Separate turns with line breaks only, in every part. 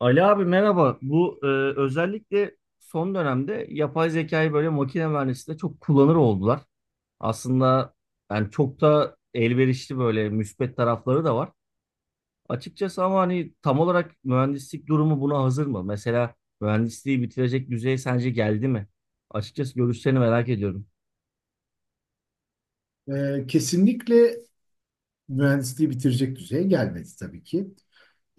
Ali abi merhaba. Özellikle son dönemde yapay zekayı böyle makine mühendisliğinde çok kullanır oldular. Aslında çok da elverişli böyle müspet tarafları da var. Açıkçası ama hani tam olarak mühendislik durumu buna hazır mı? Mesela mühendisliği bitirecek düzeye sence geldi mi? Açıkçası görüşlerini merak ediyorum.
Kesinlikle mühendisliği bitirecek düzeye gelmedi tabii ki.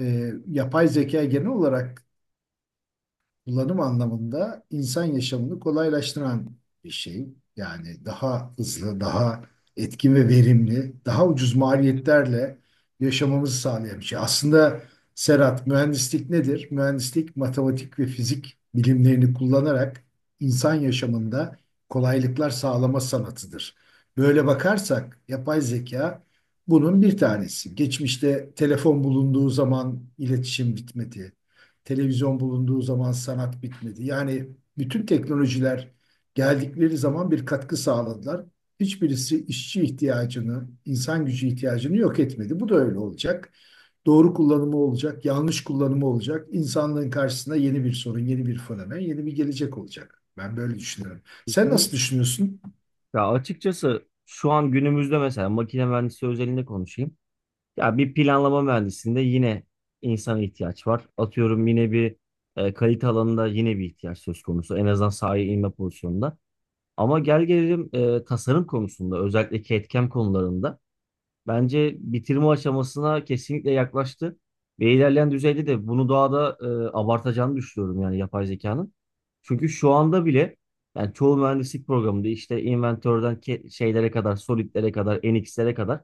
Yapay zeka genel olarak kullanım anlamında insan yaşamını kolaylaştıran bir şey. Yani daha hızlı, daha etkin ve verimli, daha ucuz maliyetlerle yaşamamızı sağlayan bir şey. Aslında Serhat, mühendislik nedir? Mühendislik matematik ve fizik bilimlerini kullanarak insan yaşamında kolaylıklar sağlama sanatıdır. Böyle bakarsak yapay zeka bunun bir tanesi. Geçmişte telefon bulunduğu zaman iletişim bitmedi. Televizyon bulunduğu zaman sanat bitmedi. Yani bütün teknolojiler geldikleri zaman bir katkı sağladılar. Hiçbirisi işçi ihtiyacını, insan gücü ihtiyacını yok etmedi. Bu da öyle olacak. Doğru kullanımı olacak, yanlış kullanımı olacak. İnsanlığın karşısına yeni bir sorun, yeni bir fenomen, yeni bir gelecek olacak. Ben böyle düşünüyorum. Sen nasıl
Kesinlikle.
düşünüyorsun?
Ya açıkçası şu an günümüzde mesela makine mühendisliği özelinde konuşayım. Ya bir planlama mühendisinde yine insana ihtiyaç var. Atıyorum yine bir kalite alanında yine bir ihtiyaç söz konusu. En azından sahaya inme pozisyonunda. Ama gel gelelim tasarım konusunda özellikle CAD/CAM konularında bence bitirme aşamasına kesinlikle yaklaştı. Ve ilerleyen düzeyde de bunu daha da abartacağını düşünüyorum yani yapay zekanın. Çünkü şu anda bile yani çoğu mühendislik programında işte inventörden şeylere kadar, solidlere kadar, NX'lere kadar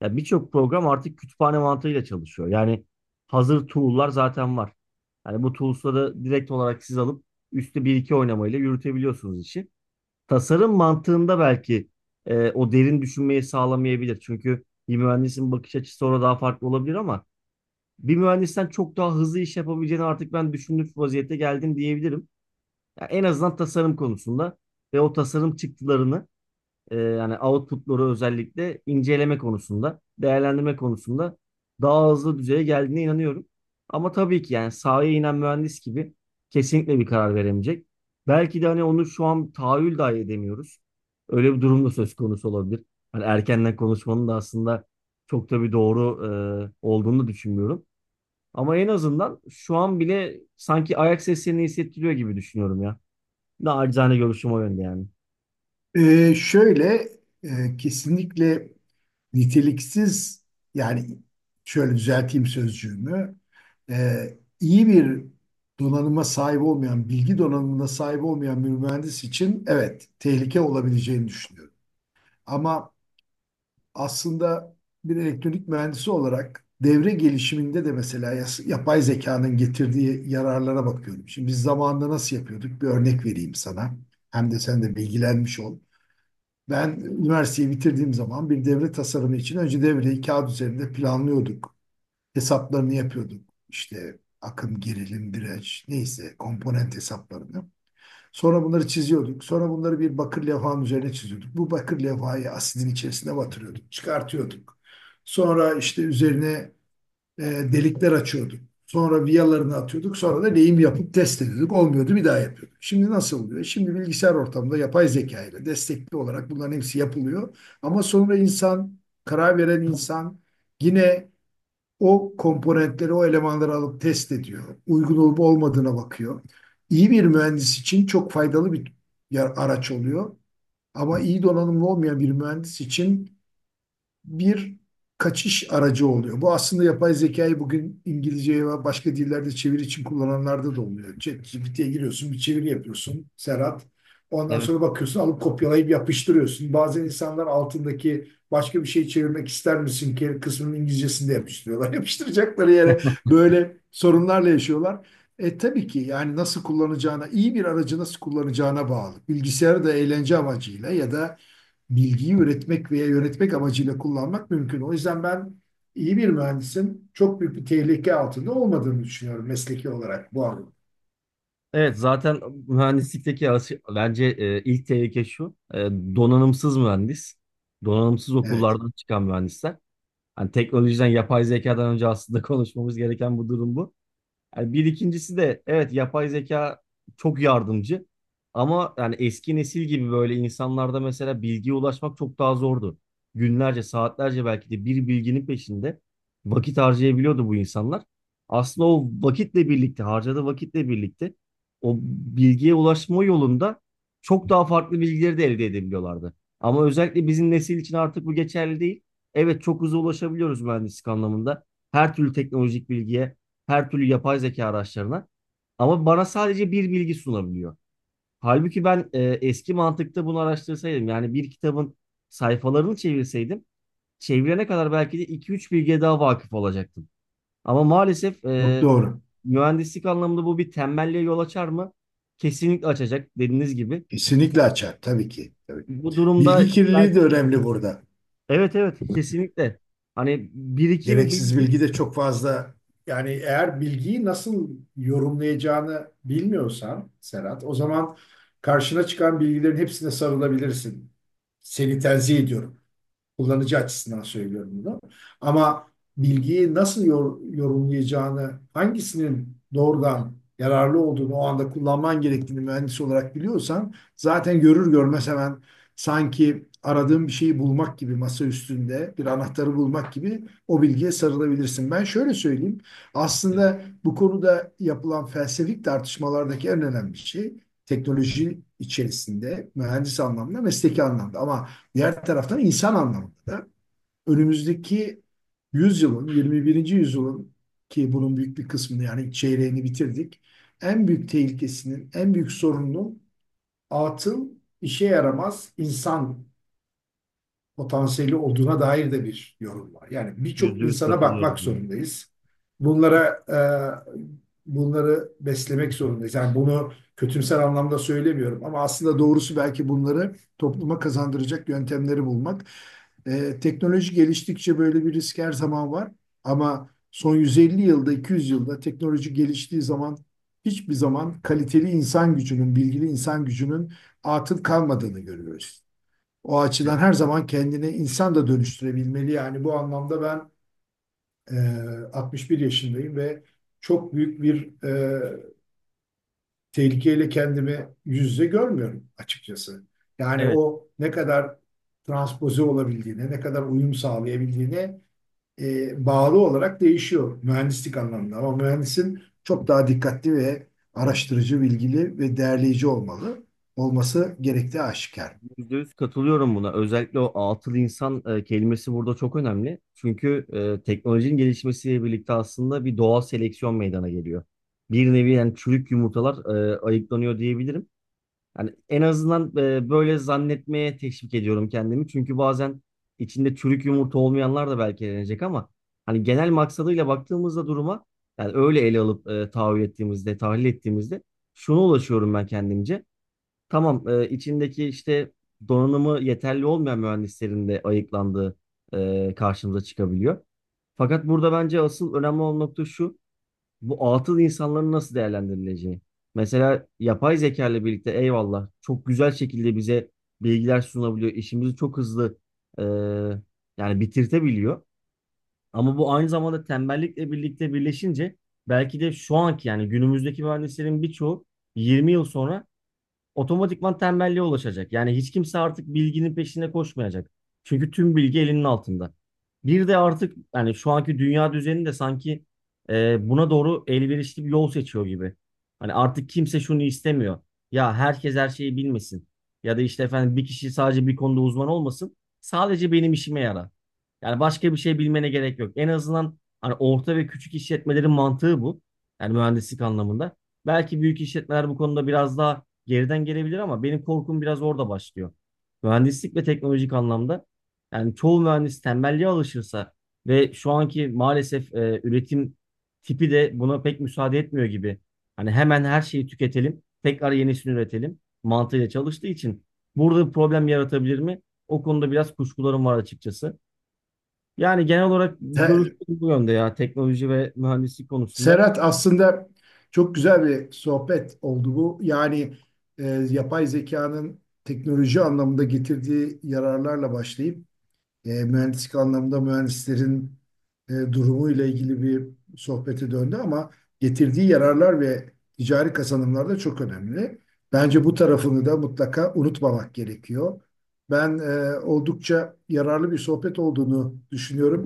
ya birçok program artık kütüphane mantığıyla çalışıyor. Yani hazır tool'lar zaten var. Yani bu tools'ları direkt olarak siz alıp üstü bir iki oynamayla yürütebiliyorsunuz işi. Tasarım mantığında belki o derin düşünmeyi sağlamayabilir. Çünkü bir mühendisin bakış açısı orada daha farklı olabilir ama bir mühendisten çok daha hızlı iş yapabileceğini artık ben düşündüğüm vaziyette geldim diyebilirim. Ya en azından tasarım konusunda ve o tasarım çıktılarını yani output'ları özellikle inceleme konusunda, değerlendirme konusunda daha hızlı düzeye geldiğine inanıyorum. Ama tabii ki yani sahaya inen mühendis gibi kesinlikle bir karar veremeyecek. Belki de hani onu şu an tahayyül dahi edemiyoruz. Öyle bir durum da söz konusu olabilir. Hani erkenden konuşmanın da aslında çok da bir doğru olduğunu düşünmüyorum. Ama en azından şu an bile sanki ayak seslerini hissettiriyor gibi düşünüyorum ya. Nacizane görüşüm o yönde yani.
Ee, şöyle Kesinlikle niteliksiz yani şöyle düzelteyim sözcüğümü. İyi bir donanıma sahip olmayan bilgi donanımına sahip olmayan bir mühendis için evet tehlike olabileceğini düşünüyorum. Ama aslında bir elektronik mühendisi olarak devre gelişiminde de mesela yapay zekanın getirdiği yararlara bakıyorum. Şimdi biz zamanında nasıl yapıyorduk? Bir örnek vereyim sana. Hem de sen de bilgilenmiş ol. Ben üniversiteyi bitirdiğim zaman bir devre tasarımı için önce devreyi kağıt üzerinde planlıyorduk. Hesaplarını yapıyorduk. İşte akım, gerilim, direnç, neyse komponent hesaplarını. Sonra bunları çiziyorduk. Sonra bunları bir bakır levhanın üzerine çiziyorduk. Bu bakır levhayı asidin içerisine batırıyorduk, çıkartıyorduk. Sonra işte üzerine delikler açıyorduk. Sonra viyalarını atıyorduk. Sonra da lehim yapıp test ediyorduk. Olmuyordu bir daha yapıyorduk. Şimdi nasıl oluyor? Şimdi bilgisayar ortamında yapay zeka ile destekli olarak bunların hepsi yapılıyor. Ama sonra insan, karar veren insan yine o komponentleri, o elemanları alıp test ediyor. Uygun olup olmadığına bakıyor. İyi bir mühendis için çok faydalı bir araç oluyor. Ama iyi donanımlı olmayan bir mühendis için bir kaçış aracı oluyor. Bu aslında yapay zekayı bugün İngilizceye ve başka dillerde çeviri için kullananlarda da oluyor. ChatGPT'ye giriyorsun, bir çeviri yapıyorsun Serhat. Ondan
Evet.
sonra bakıyorsun alıp kopyalayıp yapıştırıyorsun. Bazen insanlar altındaki başka bir şey çevirmek ister misin ki kısmının İngilizcesinde yapıştırıyorlar. Yapıştıracakları yere böyle sorunlarla yaşıyorlar. E tabii ki yani nasıl kullanacağına, iyi bir aracı nasıl kullanacağına bağlı. Bilgisayarı da eğlence amacıyla ya da bilgiyi üretmek veya yönetmek amacıyla kullanmak mümkün. O yüzden ben iyi bir mühendisin çok büyük bir tehlike altında olmadığını düşünüyorum mesleki olarak bu anlamda.
Evet zaten mühendislikteki bence ilk tehlike şu. Donanımsız mühendis. Donanımsız
Evet,
okullardan çıkan mühendisler. Hani teknolojiden, yapay zekadan önce aslında konuşmamız gereken bu durum bu. Yani bir ikincisi de evet yapay zeka çok yardımcı ama yani eski nesil gibi böyle insanlarda mesela bilgiye ulaşmak çok daha zordu. Günlerce, saatlerce belki de bir bilginin peşinde vakit harcayabiliyordu bu insanlar. Aslında o vakitle birlikte, harcadığı vakitle birlikte o bilgiye ulaşma yolunda çok daha farklı bilgileri de elde edebiliyorlardı. Ama özellikle bizim nesil için artık bu geçerli değil. Evet çok hızlı ulaşabiliyoruz mühendislik anlamında. Her türlü teknolojik bilgiye her türlü yapay zeka araçlarına. Ama bana sadece bir bilgi sunabiliyor. Halbuki ben eski mantıkta bunu araştırsaydım yani bir kitabın sayfalarını çevirseydim çevirene kadar belki de iki üç bilgiye daha vakıf olacaktım. Ama maalesef
çok
e,
doğru.
mühendislik anlamında bu bir tembelliğe yol açar mı? Kesinlikle açacak dediğiniz gibi.
Kesinlikle açar tabii ki. Tabii ki.
Bu durumda
Bilgi kirliliği
belki,
de önemli burada.
evet evet kesinlikle. Hani birikim
Gereksiz bilgi
bilgi
de çok fazla. Yani eğer bilgiyi nasıl yorumlayacağını bilmiyorsan Serhat, o zaman karşına çıkan bilgilerin hepsine sarılabilirsin. Seni tenzih ediyorum, kullanıcı açısından söylüyorum bunu. Ama bilgiyi nasıl yorumlayacağını, hangisinin doğrudan yararlı olduğunu, o anda kullanman gerektiğini mühendis olarak biliyorsan zaten görür görmez hemen sanki aradığın bir şeyi bulmak gibi masa üstünde bir anahtarı bulmak gibi o bilgiye sarılabilirsin. Ben şöyle söyleyeyim. Aslında bu konuda yapılan felsefik tartışmalardaki en önemli şey teknoloji içerisinde mühendis anlamda, mesleki anlamda ama diğer taraftan insan anlamında da önümüzdeki yüzyılın, 21. yüzyılın ki bunun büyük bir kısmını yani çeyreğini bitirdik. En büyük tehlikesinin, en büyük sorununun atıl, işe yaramaz insan potansiyeli olduğuna dair de bir yorum var. Yani birçok
yüzde yüz
insana bakmak
katılıyorum.
zorundayız. Bunlara bunları beslemek zorundayız. Yani bunu kötümser anlamda söylemiyorum ama aslında doğrusu belki bunları topluma kazandıracak yöntemleri bulmak. E, teknoloji geliştikçe böyle bir risk her zaman var ama son 150 yılda, 200 yılda teknoloji geliştiği zaman hiçbir zaman kaliteli insan gücünün, bilgili insan gücünün atıl kalmadığını görüyoruz. O açıdan her zaman kendini insan da dönüştürebilmeli. Yani bu anlamda ben e, 61 yaşındayım ve çok büyük bir tehlikeyle kendimi yüz yüze görmüyorum açıkçası. Yani
Evet.
o ne kadar transpoze olabildiğine, ne kadar uyum sağlayabildiğine bağlı olarak değişiyor mühendislik anlamında. Ama mühendisin çok daha dikkatli ve araştırıcı, bilgili ve değerleyici olmalı. Olması gerektiği aşikar.
%100 katılıyorum buna. Özellikle o atıl insan kelimesi burada çok önemli. Çünkü teknolojinin gelişmesiyle birlikte aslında bir doğal seleksiyon meydana geliyor. Bir nevi yani çürük yumurtalar ayıklanıyor diyebilirim. Yani en azından böyle zannetmeye teşvik ediyorum kendimi. Çünkü bazen içinde çürük yumurta olmayanlar da belki elenecek ama hani genel maksadıyla baktığımızda duruma yani öyle ele alıp tahayyül ettiğimizde, tahlil ettiğimizde şuna ulaşıyorum ben kendimce. Tamam, içindeki işte donanımı yeterli olmayan mühendislerin de ayıklandığı karşımıza çıkabiliyor. Fakat burada bence asıl önemli olan nokta şu, bu atıl insanların nasıl değerlendirileceği. Mesela yapay zeka ile birlikte eyvallah çok güzel şekilde bize bilgiler sunabiliyor. İşimizi çok hızlı e, yani bitirtebiliyor. Ama bu aynı zamanda tembellikle birlikte birleşince belki de şu anki yani günümüzdeki mühendislerin birçoğu 20 yıl sonra otomatikman tembelliğe ulaşacak. Yani hiç kimse artık bilginin peşinde koşmayacak. Çünkü tüm bilgi elinin altında. Bir de artık yani şu anki dünya düzeni de sanki buna doğru elverişli bir yol seçiyor gibi. Hani artık kimse şunu istemiyor. Ya herkes her şeyi bilmesin. Ya da işte efendim bir kişi sadece bir konuda uzman olmasın. Sadece benim işime yarar. Yani başka bir şey bilmene gerek yok. En azından hani orta ve küçük işletmelerin mantığı bu. Yani mühendislik anlamında. Belki büyük işletmeler bu konuda biraz daha geriden gelebilir ama benim korkum biraz orada başlıyor. Mühendislik ve teknolojik anlamda yani çoğu mühendis tembelliğe alışırsa ve şu anki maalesef üretim tipi de buna pek müsaade etmiyor gibi. Hani hemen her şeyi tüketelim, tekrar yenisini üretelim mantığıyla çalıştığı için burada bir problem yaratabilir mi? O konuda biraz kuşkularım var açıkçası. Yani genel olarak görüşüm
Te-
bu yönde ya teknoloji ve mühendislik konusunda.
Serhat, aslında çok güzel bir sohbet oldu bu. Yani e, yapay zekanın teknoloji anlamında getirdiği yararlarla başlayıp mühendislik anlamında mühendislerin durumu ile ilgili bir sohbete döndü ama getirdiği yararlar ve ticari kazanımlar da çok önemli. Bence bu tarafını da mutlaka unutmamak gerekiyor. Ben oldukça yararlı bir sohbet olduğunu düşünüyorum.